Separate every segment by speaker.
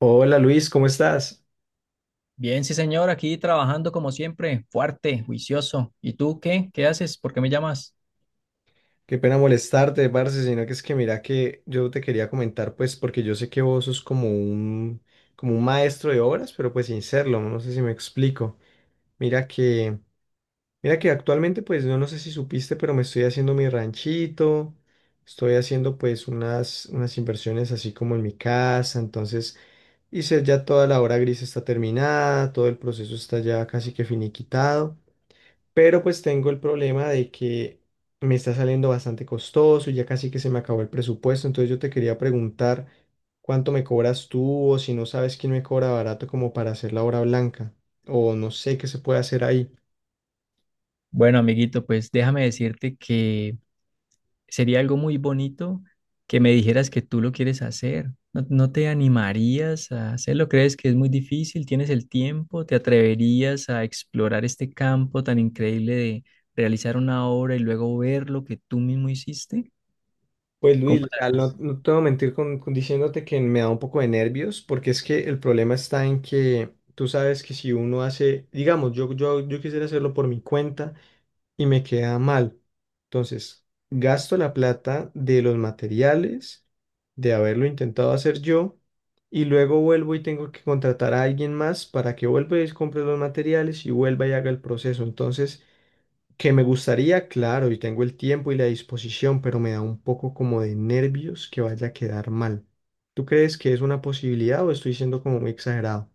Speaker 1: Hola Luis, ¿cómo estás?
Speaker 2: Bien, sí, señor, aquí trabajando como siempre, fuerte, juicioso. ¿Y tú qué? ¿Qué haces? ¿Por qué me llamas?
Speaker 1: Qué pena molestarte, parce, sino que es que mira que yo te quería comentar, pues, porque yo sé que vos sos como un maestro de obras, pero pues sin serlo, no sé si me explico. Mira que, mira que actualmente, pues, no sé si supiste, pero me estoy haciendo mi ranchito, estoy haciendo pues unas inversiones así como en mi casa, entonces hice ya toda la obra gris está terminada, todo el proceso está ya casi que finiquitado. Pero pues tengo el problema de que me está saliendo bastante costoso y ya casi que se me acabó el presupuesto. Entonces yo te quería preguntar cuánto me cobras tú o si no sabes quién me cobra barato como para hacer la obra blanca o no sé qué se puede hacer ahí.
Speaker 2: Bueno, amiguito, pues déjame decirte que sería algo muy bonito que me dijeras que tú lo quieres hacer. ¿No, no te animarías a hacerlo? ¿Crees que es muy difícil? ¿Tienes el tiempo? ¿Te atreverías a explorar este campo tan increíble de realizar una obra y luego ver lo que tú mismo hiciste?
Speaker 1: Pues Luis,
Speaker 2: ¿Cómo
Speaker 1: o
Speaker 2: la
Speaker 1: sea, no,
Speaker 2: ves?
Speaker 1: no te voy a mentir con diciéndote que me da un poco de nervios porque es que el problema está en que tú sabes que si uno hace, digamos, yo quisiera hacerlo por mi cuenta. Y me queda mal. Entonces, gasto la plata de los materiales, de haberlo intentado hacer yo, y luego vuelvo y tengo que contratar a alguien más para que vuelva y compre los materiales y vuelva y haga el proceso. Entonces, que me gustaría, claro, y tengo el tiempo y la disposición, pero me da un poco como de nervios que vaya a quedar mal. ¿Tú crees que es una posibilidad o estoy siendo como muy exagerado?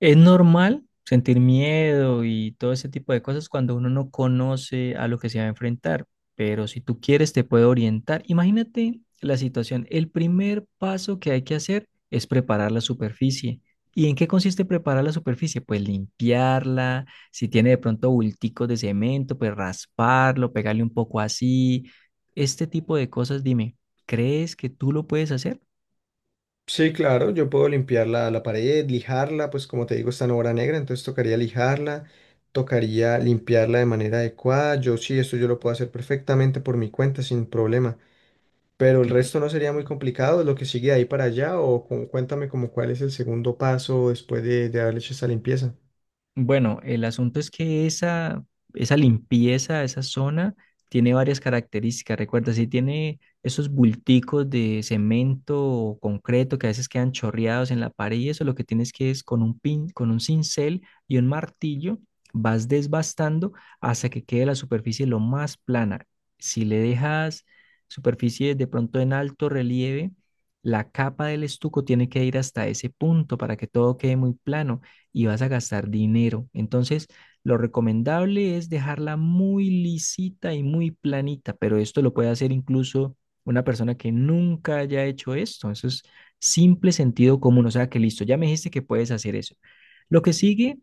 Speaker 2: Es normal sentir miedo y todo ese tipo de cosas cuando uno no conoce a lo que se va a enfrentar, pero si tú quieres te puede orientar. Imagínate la situación. El primer paso que hay que hacer es preparar la superficie. ¿Y en qué consiste preparar la superficie? Pues limpiarla, si tiene de pronto bulticos de cemento, pues rasparlo, pegarle un poco así. Este tipo de cosas, dime, ¿crees que tú lo puedes hacer?
Speaker 1: Sí, claro, yo puedo limpiar la pared, lijarla, pues como te digo, está en obra negra, entonces tocaría lijarla, tocaría limpiarla de manera adecuada. Yo sí, esto yo lo puedo hacer perfectamente por mi cuenta, sin problema. Pero el
Speaker 2: Claro.
Speaker 1: resto no sería muy complicado, lo que sigue de ahí para allá, o cuéntame como cuál es el segundo paso después de haber hecho esta limpieza.
Speaker 2: Bueno, el asunto es que esa limpieza, esa zona, tiene varias características. Recuerda, si tiene esos bulticos de cemento o concreto que a veces quedan chorreados en la pared y eso, lo que tienes que es con un pin, con un cincel y un martillo, vas desbastando hasta que quede la superficie lo más plana. Si le dejas superficie de pronto en alto relieve, la capa del estuco tiene que ir hasta ese punto para que todo quede muy plano y vas a gastar dinero. Entonces, lo recomendable es dejarla muy lisita y muy planita, pero esto lo puede hacer incluso una persona que nunca haya hecho esto. Eso es simple sentido común, o sea que listo, ya me dijiste que puedes hacer eso. Lo que sigue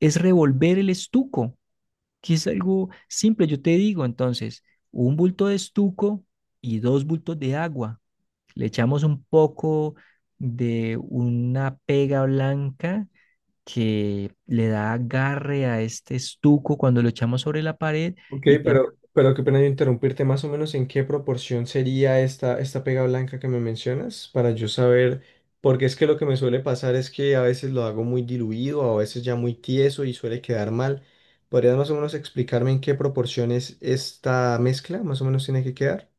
Speaker 2: es revolver el estuco, que es algo simple, yo te digo, entonces, un bulto de estuco y dos bultos de agua. Le echamos un poco de una pega blanca que le da agarre a este estuco cuando lo echamos sobre la pared
Speaker 1: Ok,
Speaker 2: y, tam-
Speaker 1: pero qué pena yo interrumpirte, más o menos en qué proporción sería esta pega blanca que me mencionas para yo saber, porque es que lo que me suele pasar es que a veces lo hago muy diluido, a veces ya muy tieso y suele quedar mal. ¿Podrías más o menos explicarme en qué proporciones esta mezcla más o menos tiene que quedar?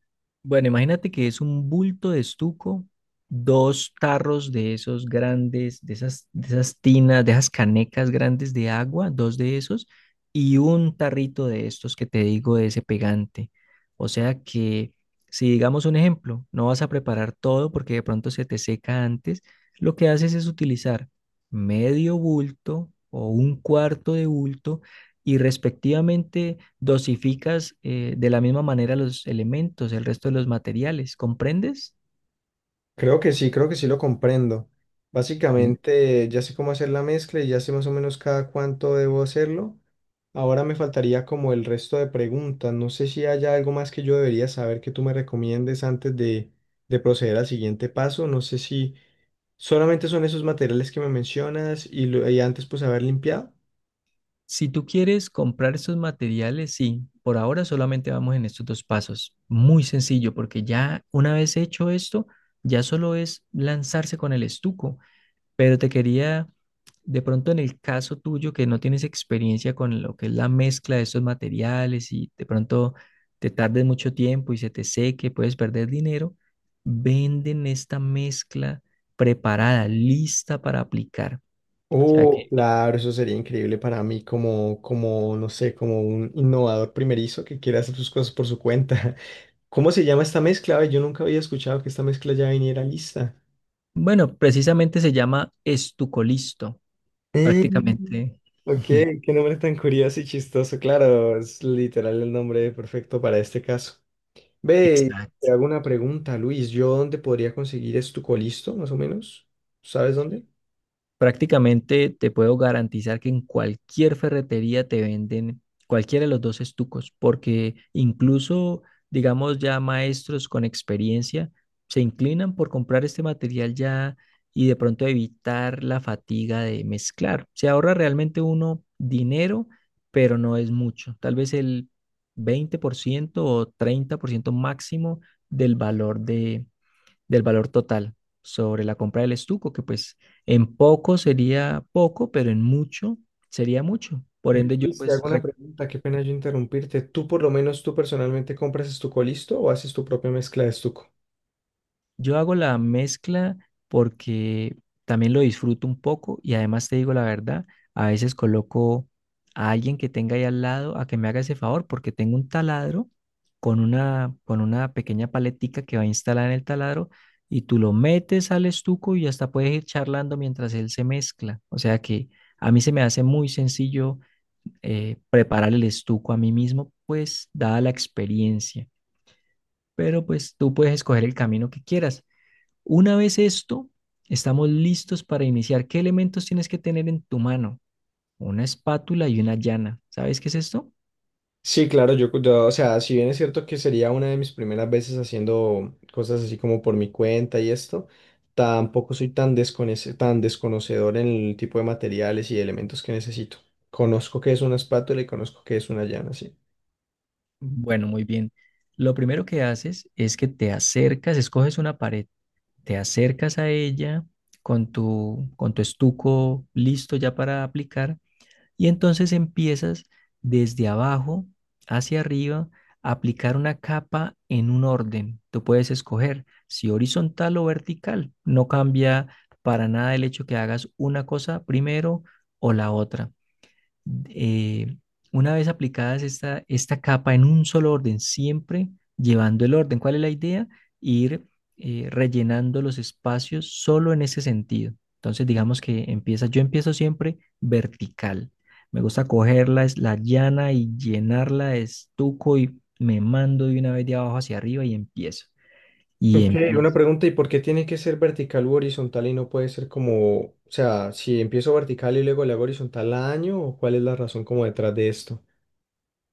Speaker 2: Bueno, imagínate que es un bulto de estuco, dos tarros de esos grandes, de esas, tinas, de esas canecas grandes de agua, dos de esos, y un tarrito de estos que te digo de ese pegante. O sea que, si digamos un ejemplo, no vas a preparar todo porque de pronto se te seca antes, lo que haces es utilizar medio bulto o un cuarto de bulto y respectivamente dosificas de la misma manera los elementos, el resto de los materiales, ¿comprendes?
Speaker 1: Creo que sí lo comprendo.
Speaker 2: Es-
Speaker 1: Básicamente ya sé cómo hacer la mezcla y ya sé más o menos cada cuánto debo hacerlo. Ahora me faltaría como el resto de preguntas. No sé si haya algo más que yo debería saber que tú me recomiendes antes de proceder al siguiente paso. No sé si solamente son esos materiales que me mencionas y, y antes pues haber limpiado.
Speaker 2: Si tú quieres comprar estos materiales, sí, por ahora solamente vamos en estos dos pasos. Muy sencillo, porque ya una vez hecho esto, ya solo es lanzarse con el estuco. Pero te quería, de pronto en el caso tuyo que no tienes experiencia con lo que es la mezcla de estos materiales y de pronto te tardes mucho tiempo y se te seque, puedes perder dinero, venden esta mezcla preparada, lista para aplicar. O sea que,
Speaker 1: Oh, claro, eso sería increíble para mí como no sé, como un innovador primerizo que quiere hacer sus cosas por su cuenta. ¿Cómo se llama esta mezcla? Ay, yo nunca había escuchado que esta mezcla ya viniera lista.
Speaker 2: bueno, precisamente se llama estucolisto,
Speaker 1: Mm,
Speaker 2: prácticamente.
Speaker 1: ok, qué nombre tan curioso y chistoso. Claro, es literal el nombre perfecto para este caso. Ve,
Speaker 2: Exacto.
Speaker 1: te hago una pregunta, Luis. ¿Yo dónde podría conseguir estucolisto, más o menos? ¿Sabes dónde?
Speaker 2: Prácticamente te puedo garantizar que en cualquier ferretería te venden cualquiera de los dos estucos, porque incluso, digamos, ya maestros con experiencia se inclinan por comprar este material ya y de pronto evitar la fatiga de mezclar. Se ahorra realmente uno dinero, pero no es mucho. Tal vez el 20% o 30% máximo del valor de del valor total sobre la compra del estuco, que pues en poco sería poco, pero en mucho sería mucho. Por
Speaker 1: Ve,
Speaker 2: ende, yo
Speaker 1: Luis, te
Speaker 2: pues
Speaker 1: hago una pregunta. Qué pena yo interrumpirte. ¿Tú, por lo menos, tú personalmente compras estucolisto o haces tu propia mezcla de estuco?
Speaker 2: yo hago la mezcla porque también lo disfruto un poco y además te digo la verdad, a veces coloco a alguien que tenga ahí al lado a que me haga ese favor porque tengo un taladro con una, pequeña paletica que va a instalar en el taladro y tú lo metes al estuco y hasta puedes ir charlando mientras él se mezcla. O sea que a mí se me hace muy sencillo preparar el estuco a mí mismo, pues dada la experiencia. Pero pues tú puedes escoger el camino que quieras. Una vez esto, estamos listos para iniciar. ¿Qué elementos tienes que tener en tu mano? Una espátula y una llana. ¿Sabes qué es esto?
Speaker 1: Sí, claro, o sea, si bien es cierto que sería una de mis primeras veces haciendo cosas así como por mi cuenta y esto, tampoco soy tan desconocedor en el tipo de materiales y de elementos que necesito. Conozco que es una espátula y conozco que es una llana, sí.
Speaker 2: Bueno, muy bien. Lo primero que haces es que te acercas, escoges una pared, te acercas a ella con tu, estuco listo ya para aplicar. Y entonces empiezas desde abajo hacia arriba a aplicar una capa en un orden. Tú puedes escoger si horizontal o vertical. No cambia para nada el hecho que hagas una cosa primero o la otra. eh, una vez aplicadas esta, capa en un solo orden, siempre llevando el orden. ¿Cuál es la idea? Ir, rellenando los espacios solo en ese sentido. Entonces, digamos que empieza, yo empiezo siempre vertical. Me gusta cogerla, es la llana y llenarla de estuco y me mando de una vez de abajo hacia arriba y empiezo. Y
Speaker 1: Ok, una
Speaker 2: empiezo.
Speaker 1: pregunta, ¿y por qué tiene que ser vertical u horizontal y no puede ser como, o sea, si empiezo vertical y luego le hago horizontal a año, o cuál es la razón como detrás de esto?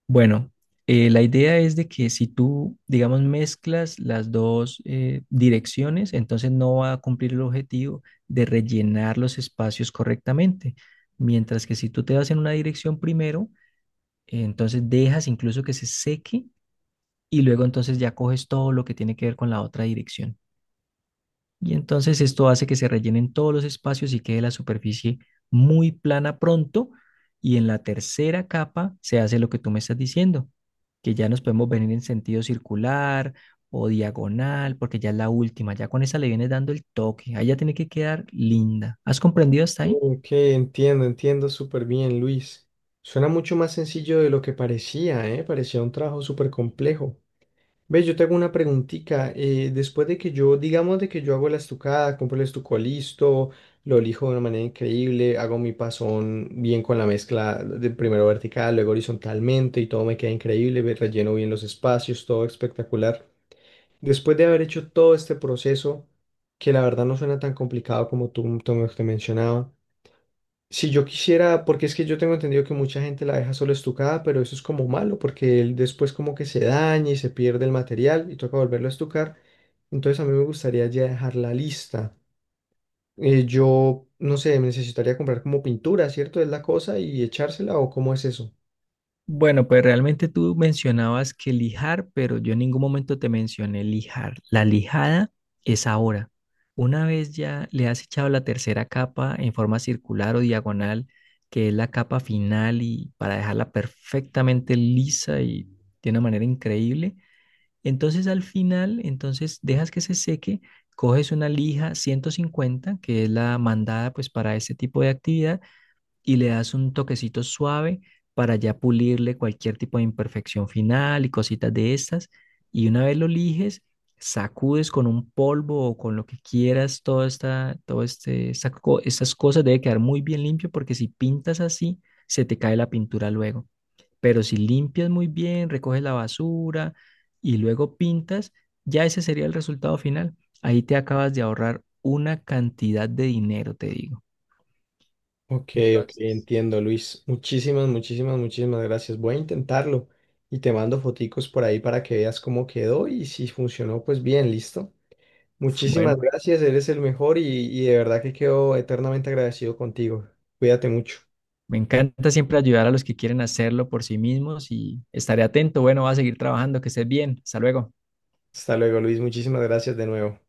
Speaker 2: Bueno, la idea es de que si tú, digamos, mezclas las dos, direcciones, entonces no va a cumplir el objetivo de rellenar los espacios correctamente. Mientras que si tú te vas en una dirección primero, entonces dejas incluso que se seque y luego entonces ya coges todo lo que tiene que ver con la otra dirección. Y entonces esto hace que se rellenen todos los espacios y quede la superficie muy plana pronto. Y en la tercera capa se hace lo que tú me estás diciendo, que ya nos podemos venir en sentido circular o diagonal, porque ya es la última. Ya con esa le vienes dando el toque. Ahí ya tiene que quedar linda. ¿Has comprendido hasta ahí?
Speaker 1: Ok, entiendo, entiendo súper bien, Luis. Suena mucho más sencillo de lo que parecía, ¿eh? Parecía un trabajo súper complejo. Ve, yo te hago una preguntita. Después de que yo, digamos de que yo hago la estucada, compro el estuco listo, lo lijo de una manera increíble, hago mi pasón bien con la mezcla de primero vertical, luego horizontalmente y todo me queda increíble, ve, relleno bien los espacios, todo espectacular. Después de haber hecho todo este proceso, que la verdad no suena tan complicado como tú me mencionabas. Si yo quisiera, porque es que yo tengo entendido que mucha gente la deja solo estucada, pero eso es como malo, porque él después como que se daña y se pierde el material y toca volverlo a estucar. Entonces a mí me gustaría ya dejarla lista. Yo, no sé, necesitaría comprar como pintura, ¿cierto? Es la cosa y echársela o cómo es eso.
Speaker 2: Bueno, pues realmente tú mencionabas que lijar, pero yo en ningún momento te mencioné lijar. La lijada es ahora. Una vez ya le has echado la tercera capa en forma circular o diagonal, que es la capa final y para dejarla perfectamente lisa y de una manera increíble, entonces al final, entonces dejas que se seque, coges una lija 150, que es la mandada pues para este tipo de actividad y le das un toquecito suave para ya pulirle cualquier tipo de imperfección final y cositas de estas. Y una vez lo lijes, sacudes con un polvo o con lo que quieras, toda esta, todo este, esta co- estas cosas debe quedar muy bien limpio porque si pintas así, se te cae la pintura luego. Pero si limpias muy bien, recoges la basura y luego pintas, ya ese sería el resultado final. Ahí te acabas de ahorrar una cantidad de dinero, te digo.
Speaker 1: Ok, ok, entiendo, Luis. Muchísimas, muchísimas, muchísimas gracias. Voy a intentarlo y te mando foticos por ahí para que veas cómo quedó y si funcionó, pues bien, listo.
Speaker 2: Bueno,
Speaker 1: Muchísimas gracias, eres el mejor y de verdad que quedo eternamente agradecido contigo. Cuídate mucho.
Speaker 2: me encanta siempre ayudar a los que quieren hacerlo por sí mismos y estaré atento. Bueno, va a seguir trabajando, que estés bien. Hasta luego.
Speaker 1: Hasta luego, Luis. Muchísimas gracias de nuevo.